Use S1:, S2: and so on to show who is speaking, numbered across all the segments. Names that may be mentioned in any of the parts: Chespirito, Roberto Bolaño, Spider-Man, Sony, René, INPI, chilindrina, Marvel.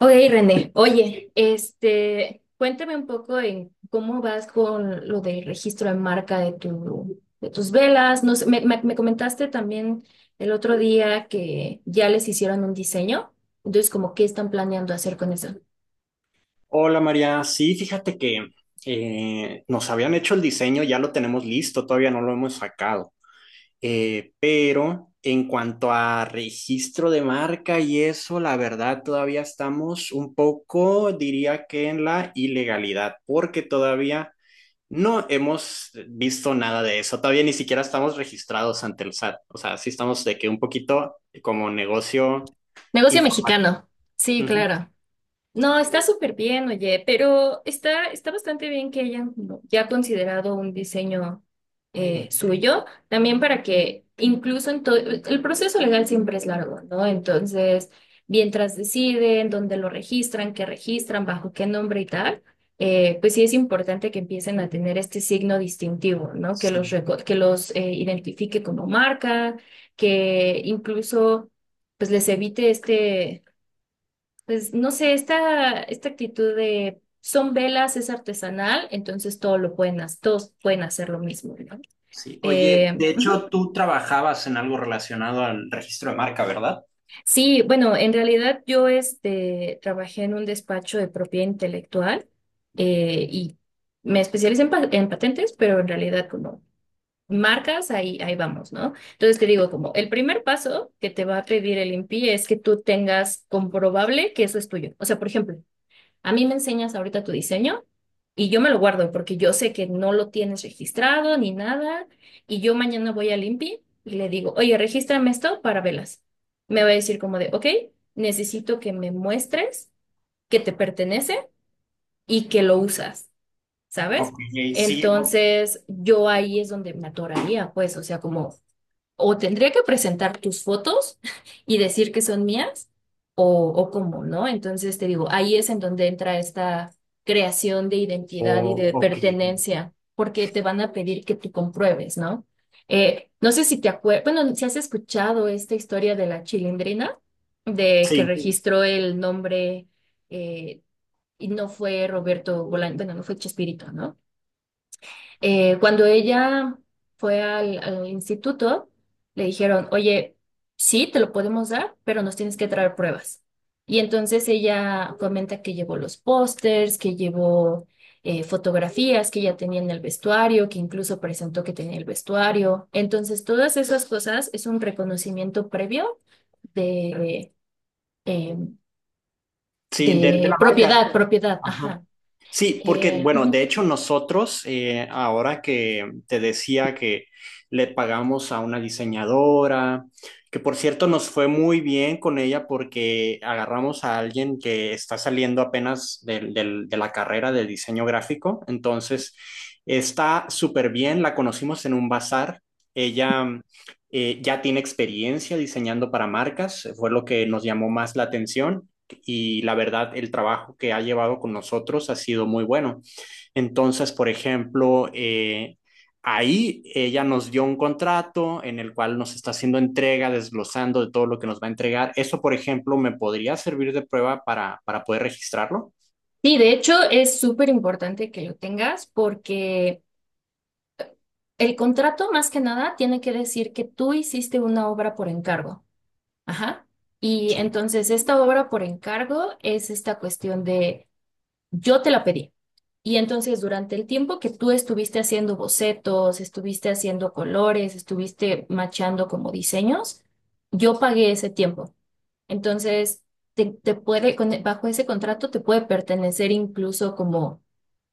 S1: Ok, René, oye, este, cuéntame un poco en cómo vas con lo del registro de marca de de tus velas. No sé, me comentaste también el otro día que ya les hicieron un diseño. Entonces, como, ¿qué están planeando hacer con eso?
S2: Hola María, sí, fíjate que nos habían hecho el diseño, ya lo tenemos listo, todavía no lo hemos sacado. Pero en cuanto a registro de marca y eso, la verdad todavía estamos un poco, diría que en la ilegalidad, porque todavía no hemos visto nada de eso, todavía ni siquiera estamos registrados ante el SAT. O sea, sí estamos de que un poquito como negocio
S1: Negocio
S2: informal.
S1: mexicano. Sí,
S2: Ujú,
S1: claro. No, está súper bien, oye, pero está bastante bien que hayan como ya considerado un diseño
S2: ujú.
S1: suyo, también para que incluso en todo, el proceso legal siempre es largo, ¿no? Entonces, mientras deciden dónde lo registran, qué registran, bajo qué nombre y tal, pues sí es importante que empiecen a tener este signo distintivo, ¿no? Que los,
S2: Sí.
S1: reco- que los eh, identifique como marca, que incluso pues les evite este. Pues no sé, esta actitud de son velas, es artesanal, entonces todo todos pueden hacer lo mismo, ¿no?
S2: Sí, oye, de
S1: Ujú.
S2: hecho tú trabajabas en algo relacionado al registro de marca, ¿verdad?
S1: Sí, bueno, en realidad yo este, trabajé en un despacho de propiedad intelectual y me especialicé en patentes, pero en realidad como marcas, ahí vamos, ¿no? Entonces te digo, como el primer paso que te va a pedir el INPI es que tú tengas comprobable que eso es tuyo. O sea, por ejemplo, a mí me enseñas ahorita tu diseño y yo me lo guardo porque yo sé que no lo tienes registrado ni nada. Y yo mañana voy al INPI y le digo, oye, regístrame esto para velas. Me va a decir como de, ok, necesito que me muestres que te pertenece y que lo usas, ¿sabes?
S2: Ok, sí,
S1: Entonces, yo ahí es donde me atoraría, pues, o sea, como o tendría que presentar tus fotos y decir que son mías, o cómo, ¿no? Entonces te digo, ahí es en donde entra esta creación de identidad y de
S2: ok,
S1: pertenencia, porque te van a pedir que tú compruebes, ¿no? No sé si te acuerdas, bueno, si has escuchado esta historia de la chilindrina, de que Sí.
S2: sí,
S1: registró el nombre eh, y no fue Roberto Bolaño, bueno, no fue Chespirito, ¿no? Cuando ella fue al instituto, le dijeron, oye, sí, te lo podemos dar, pero nos tienes que traer pruebas. Y entonces ella comenta que llevó los pósters, que llevó fotografías que ella tenía en el vestuario, que incluso presentó que tenía el vestuario. Entonces, todas esas cosas es un reconocimiento previo de, eh,
S2: sí, de
S1: de
S2: la marca.
S1: propiedad, propiedad,
S2: Ajá.
S1: ajá.
S2: Sí, porque, bueno,
S1: Ujú.
S2: de hecho nosotros, ahora que te decía que le pagamos a una diseñadora, que por cierto nos fue muy bien con ella porque agarramos a alguien que está saliendo apenas de la carrera de diseño gráfico, entonces está súper bien, la conocimos en un bazar, ella ya tiene experiencia diseñando para marcas, fue lo que nos llamó más la atención y la verdad el trabajo que ha llevado con nosotros ha sido muy bueno. Entonces, por ejemplo, ahí ella nos dio un contrato en el cual nos está haciendo entrega, desglosando de todo lo que nos va a entregar. Eso, por ejemplo, me podría servir de prueba para poder registrarlo.
S1: Sí, de hecho es súper importante que lo tengas porque el contrato, más que nada, tiene que decir que tú hiciste una obra por encargo. Ajá. Y
S2: Sí.
S1: entonces esta obra por encargo es esta cuestión de yo te la pedí. Y entonces durante el tiempo que tú estuviste haciendo bocetos, estuviste haciendo colores, estuviste machando como diseños, yo pagué ese tiempo. Entonces, bajo ese contrato te puede pertenecer incluso como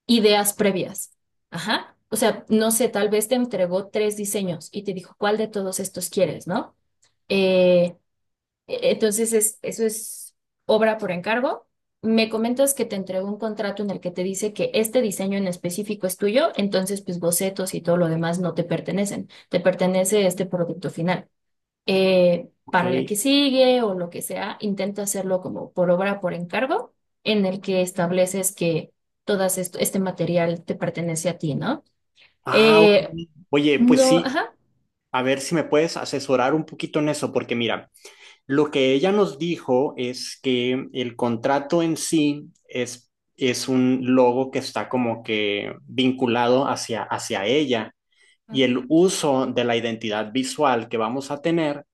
S1: ideas previas. Ajá. O sea, no sé, tal vez te entregó tres diseños y te dijo, ¿cuál de todos estos quieres, no? Entonces, eso es obra por encargo. Me comentas que te entregó un contrato en el que te dice que este diseño en específico es tuyo, entonces, pues bocetos y todo lo demás no te pertenecen, te pertenece este producto final
S2: Ok.
S1: para la que sigue o lo que sea, intenta hacerlo como por obra, por encargo, en el que estableces que todo este material te pertenece a ti, ¿no?
S2: Ah, ok.
S1: Eh,
S2: Oye, pues
S1: no,
S2: sí,
S1: ajá.
S2: a ver si me puedes asesorar un poquito en eso, porque mira, lo que ella nos dijo es que el contrato en sí es un logo que está como que vinculado hacia, hacia ella y el uso de la identidad visual que vamos a tener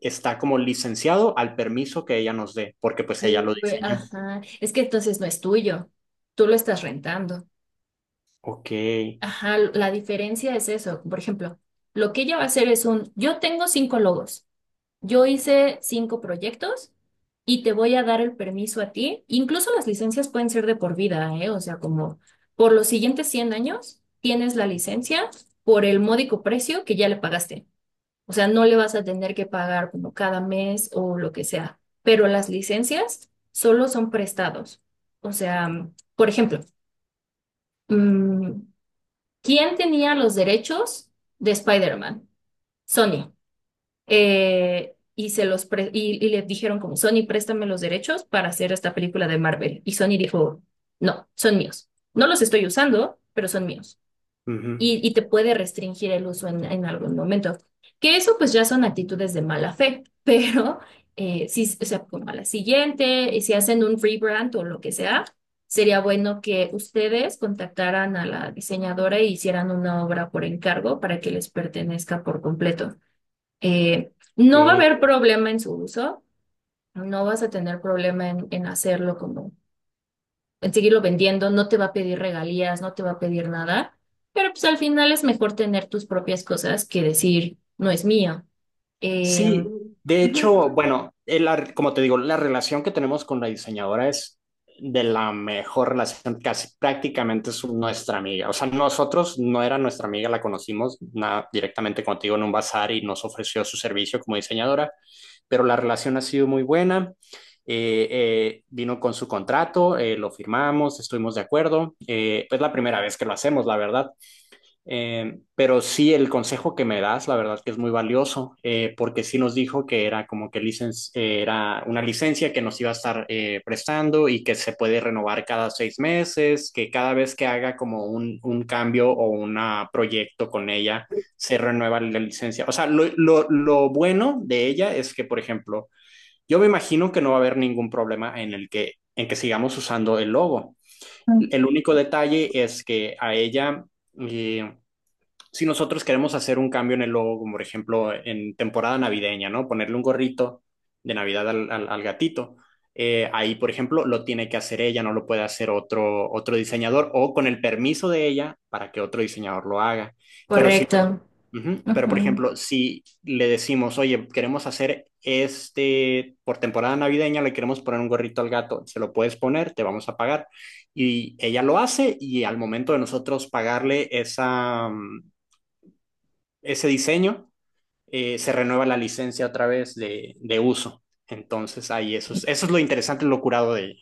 S2: está como licenciado al permiso que ella nos dé, porque pues ella lo
S1: Uy,
S2: diseñó.
S1: ajá. Es que entonces no es tuyo, tú lo estás rentando.
S2: Ok.
S1: Ajá, la diferencia es eso. Por ejemplo, lo que ella va a hacer es un, yo tengo cinco logos. Yo hice cinco proyectos y te voy a dar el permiso a ti. Incluso las licencias pueden ser de por vida, ¿eh? O sea, como por los siguientes 100 años tienes la licencia por el módico precio que ya le pagaste. O sea, no le vas a tener que pagar como cada mes o lo que sea. Pero las licencias solo son prestados. O sea, por ejemplo, mm, ¿quién tenía los derechos de Spider-Man? Sony y se los pre- y le dijeron como, Sony, préstame los derechos para hacer esta película de Marvel. Y Sony dijo, no, son míos. No los estoy usando, pero son míos.
S2: Ujú,
S1: Y te puede restringir el uso en algún momento. Que eso pues ya son actitudes de mala fe, pero si, o sea, como a la siguiente, y si hacen un rebrand o lo que sea, sería bueno que ustedes contactaran a la diseñadora e hicieran una obra por encargo para que les pertenezca por completo. No va a
S2: ok.
S1: haber problema en su uso, no vas a tener problema en hacerlo como, en seguirlo vendiendo, no te va a pedir regalías, no te va a pedir nada, pero pues al final es mejor tener tus propias cosas que decir, no es mío. Eh,
S2: Sí, de
S1: Ujú.
S2: hecho, bueno, como te digo, la relación que tenemos con la diseñadora es de la mejor relación, casi prácticamente es nuestra amiga. O sea, nosotros no era nuestra amiga, la conocimos directamente contigo en un bazar y nos ofreció su servicio como diseñadora, pero la relación ha sido muy buena. Vino con su contrato, lo firmamos, estuvimos de acuerdo. Es la primera vez que lo hacemos, la verdad. Pero sí, el consejo que me das, la verdad que es muy valioso, porque sí nos dijo que era como que era una licencia que nos iba a estar prestando y que se puede renovar cada 6 meses, que cada vez que haga como un cambio o un proyecto con ella, se renueva la licencia. O sea, lo bueno de ella es que, por ejemplo, yo me imagino que no va a haber ningún problema en el que, en que sigamos usando el logo.
S1: Mm.
S2: El único detalle es que a ella... eh, si nosotros queremos hacer un cambio en el logo, como por ejemplo en temporada navideña, ¿no? Ponerle un gorrito de Navidad al gatito. Ahí, por ejemplo, lo tiene que hacer ella, no lo puede hacer otro, otro diseñador o con el permiso de ella para que otro diseñador lo haga. Pero sí,
S1: Correcto.
S2: ujú, pero por
S1: Ujú.
S2: ejemplo, si le decimos, oye, queremos hacer este, por temporada navideña le queremos poner un gorrito al gato, se lo puedes poner, te vamos a pagar. Y ella lo hace y al momento de nosotros pagarle esa, ese diseño, se renueva la licencia otra vez de uso. Entonces, ahí eso es lo interesante, lo curado de ella.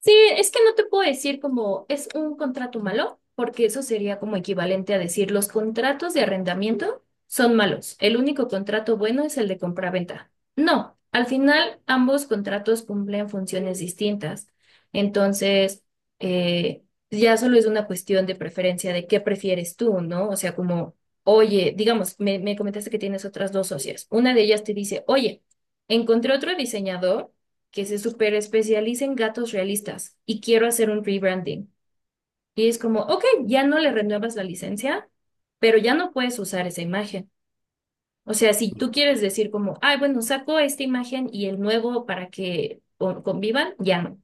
S1: Sí, es que no te puedo decir como es un contrato malo, porque eso sería como equivalente a decir los contratos de arrendamiento son malos. El único contrato bueno es el de compraventa. No, al final ambos contratos cumplen funciones distintas. Entonces, eh, ya solo es una cuestión de preferencia de qué prefieres tú, ¿no? O sea, como, oye, digamos, me comentaste que tienes otras dos socias. Una de ellas te dice, oye, encontré otro diseñador que se super especializa en gatos realistas y quiero hacer un rebranding. Y es como, ok, ya no le renuevas la licencia, pero ya no puedes usar esa imagen. O sea, si tú quieres decir como, ay, bueno, saco esta imagen y el nuevo para que convivan, ya no.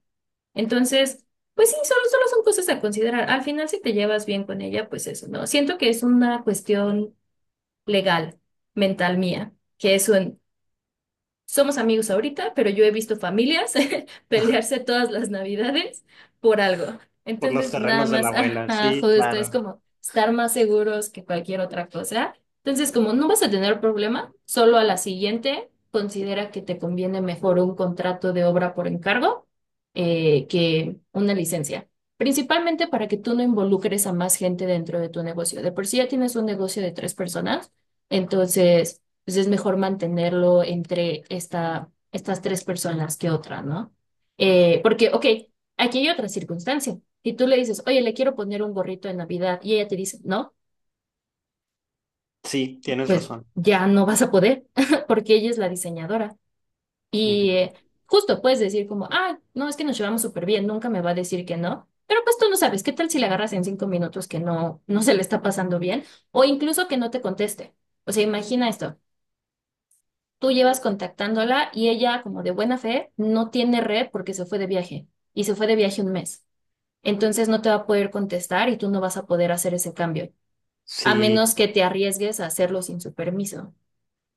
S1: Entonces, pues sí, solo son cosas a considerar. Al final, si te llevas bien con ella, pues eso, ¿no? Siento que es una cuestión legal, mental mía, que es un. Somos amigos ahorita, pero yo he visto familias pelearse todas las navidades por algo.
S2: Por los
S1: Entonces, nada
S2: terrenos de la
S1: más,
S2: abuela,
S1: ajá,
S2: sí,
S1: justo, es
S2: claro.
S1: como estar más seguros que cualquier otra cosa. Entonces, como no vas a tener problema, solo a la siguiente considera que te conviene mejor un contrato de obra por encargo que una licencia. Principalmente para que tú no involucres a más gente dentro de tu negocio. De por sí ya tienes un negocio de tres personas, entonces pues es mejor mantenerlo entre estas tres personas que otra, ¿no? Porque, ok, aquí hay otra circunstancia. Si tú le dices, oye, le quiero poner un gorrito de Navidad y ella te dice, no,
S2: Sí, tienes
S1: pues
S2: razón.
S1: ya no vas a poder porque ella es la diseñadora.
S2: Ujú.
S1: Y justo puedes decir como, ah, no, es que nos llevamos súper bien, nunca me va a decir que no. Pero pues tú no sabes, ¿qué tal si le agarras en 5 minutos que no se le está pasando bien? O incluso que no te conteste. O sea, imagina esto. Tú llevas contactándola y ella, como de buena fe, no tiene red porque se fue de viaje y se fue de viaje un mes. Entonces no te va a poder contestar y tú no vas a poder hacer ese cambio, a
S2: Sí,
S1: menos que te arriesgues a hacerlo sin su permiso.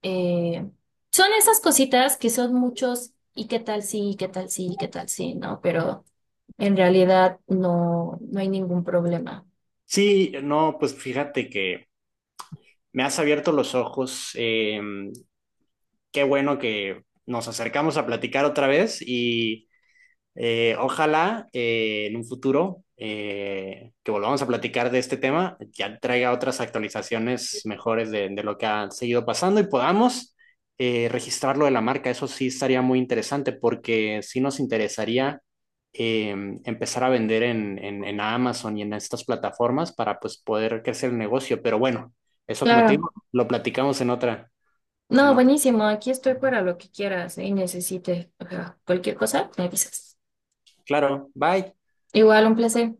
S1: Eh, Son esas cositas que son muchos y qué tal sí, y qué tal sí, y qué tal sí, ¿no? Pero en realidad no, no hay ningún problema.
S2: sí, no, pues fíjate que me has abierto los ojos. Qué bueno que nos acercamos a platicar otra vez y ojalá en un futuro que volvamos a platicar de este tema, ya traiga otras actualizaciones mejores de lo que ha seguido pasando y podamos registrar lo de la marca. Eso sí estaría muy interesante porque sí nos interesaría eh, empezar a vender en Amazon y en estas plataformas para pues, poder crecer el negocio. Pero bueno, eso como te
S1: Claro.
S2: digo, lo platicamos en otra,
S1: No,
S2: en otra.
S1: buenísimo. Aquí estoy para lo que quieras, ¿eh? Y necesite. O sea, cualquier cosa, me avisas.
S2: Claro, bye.
S1: Igual, un placer.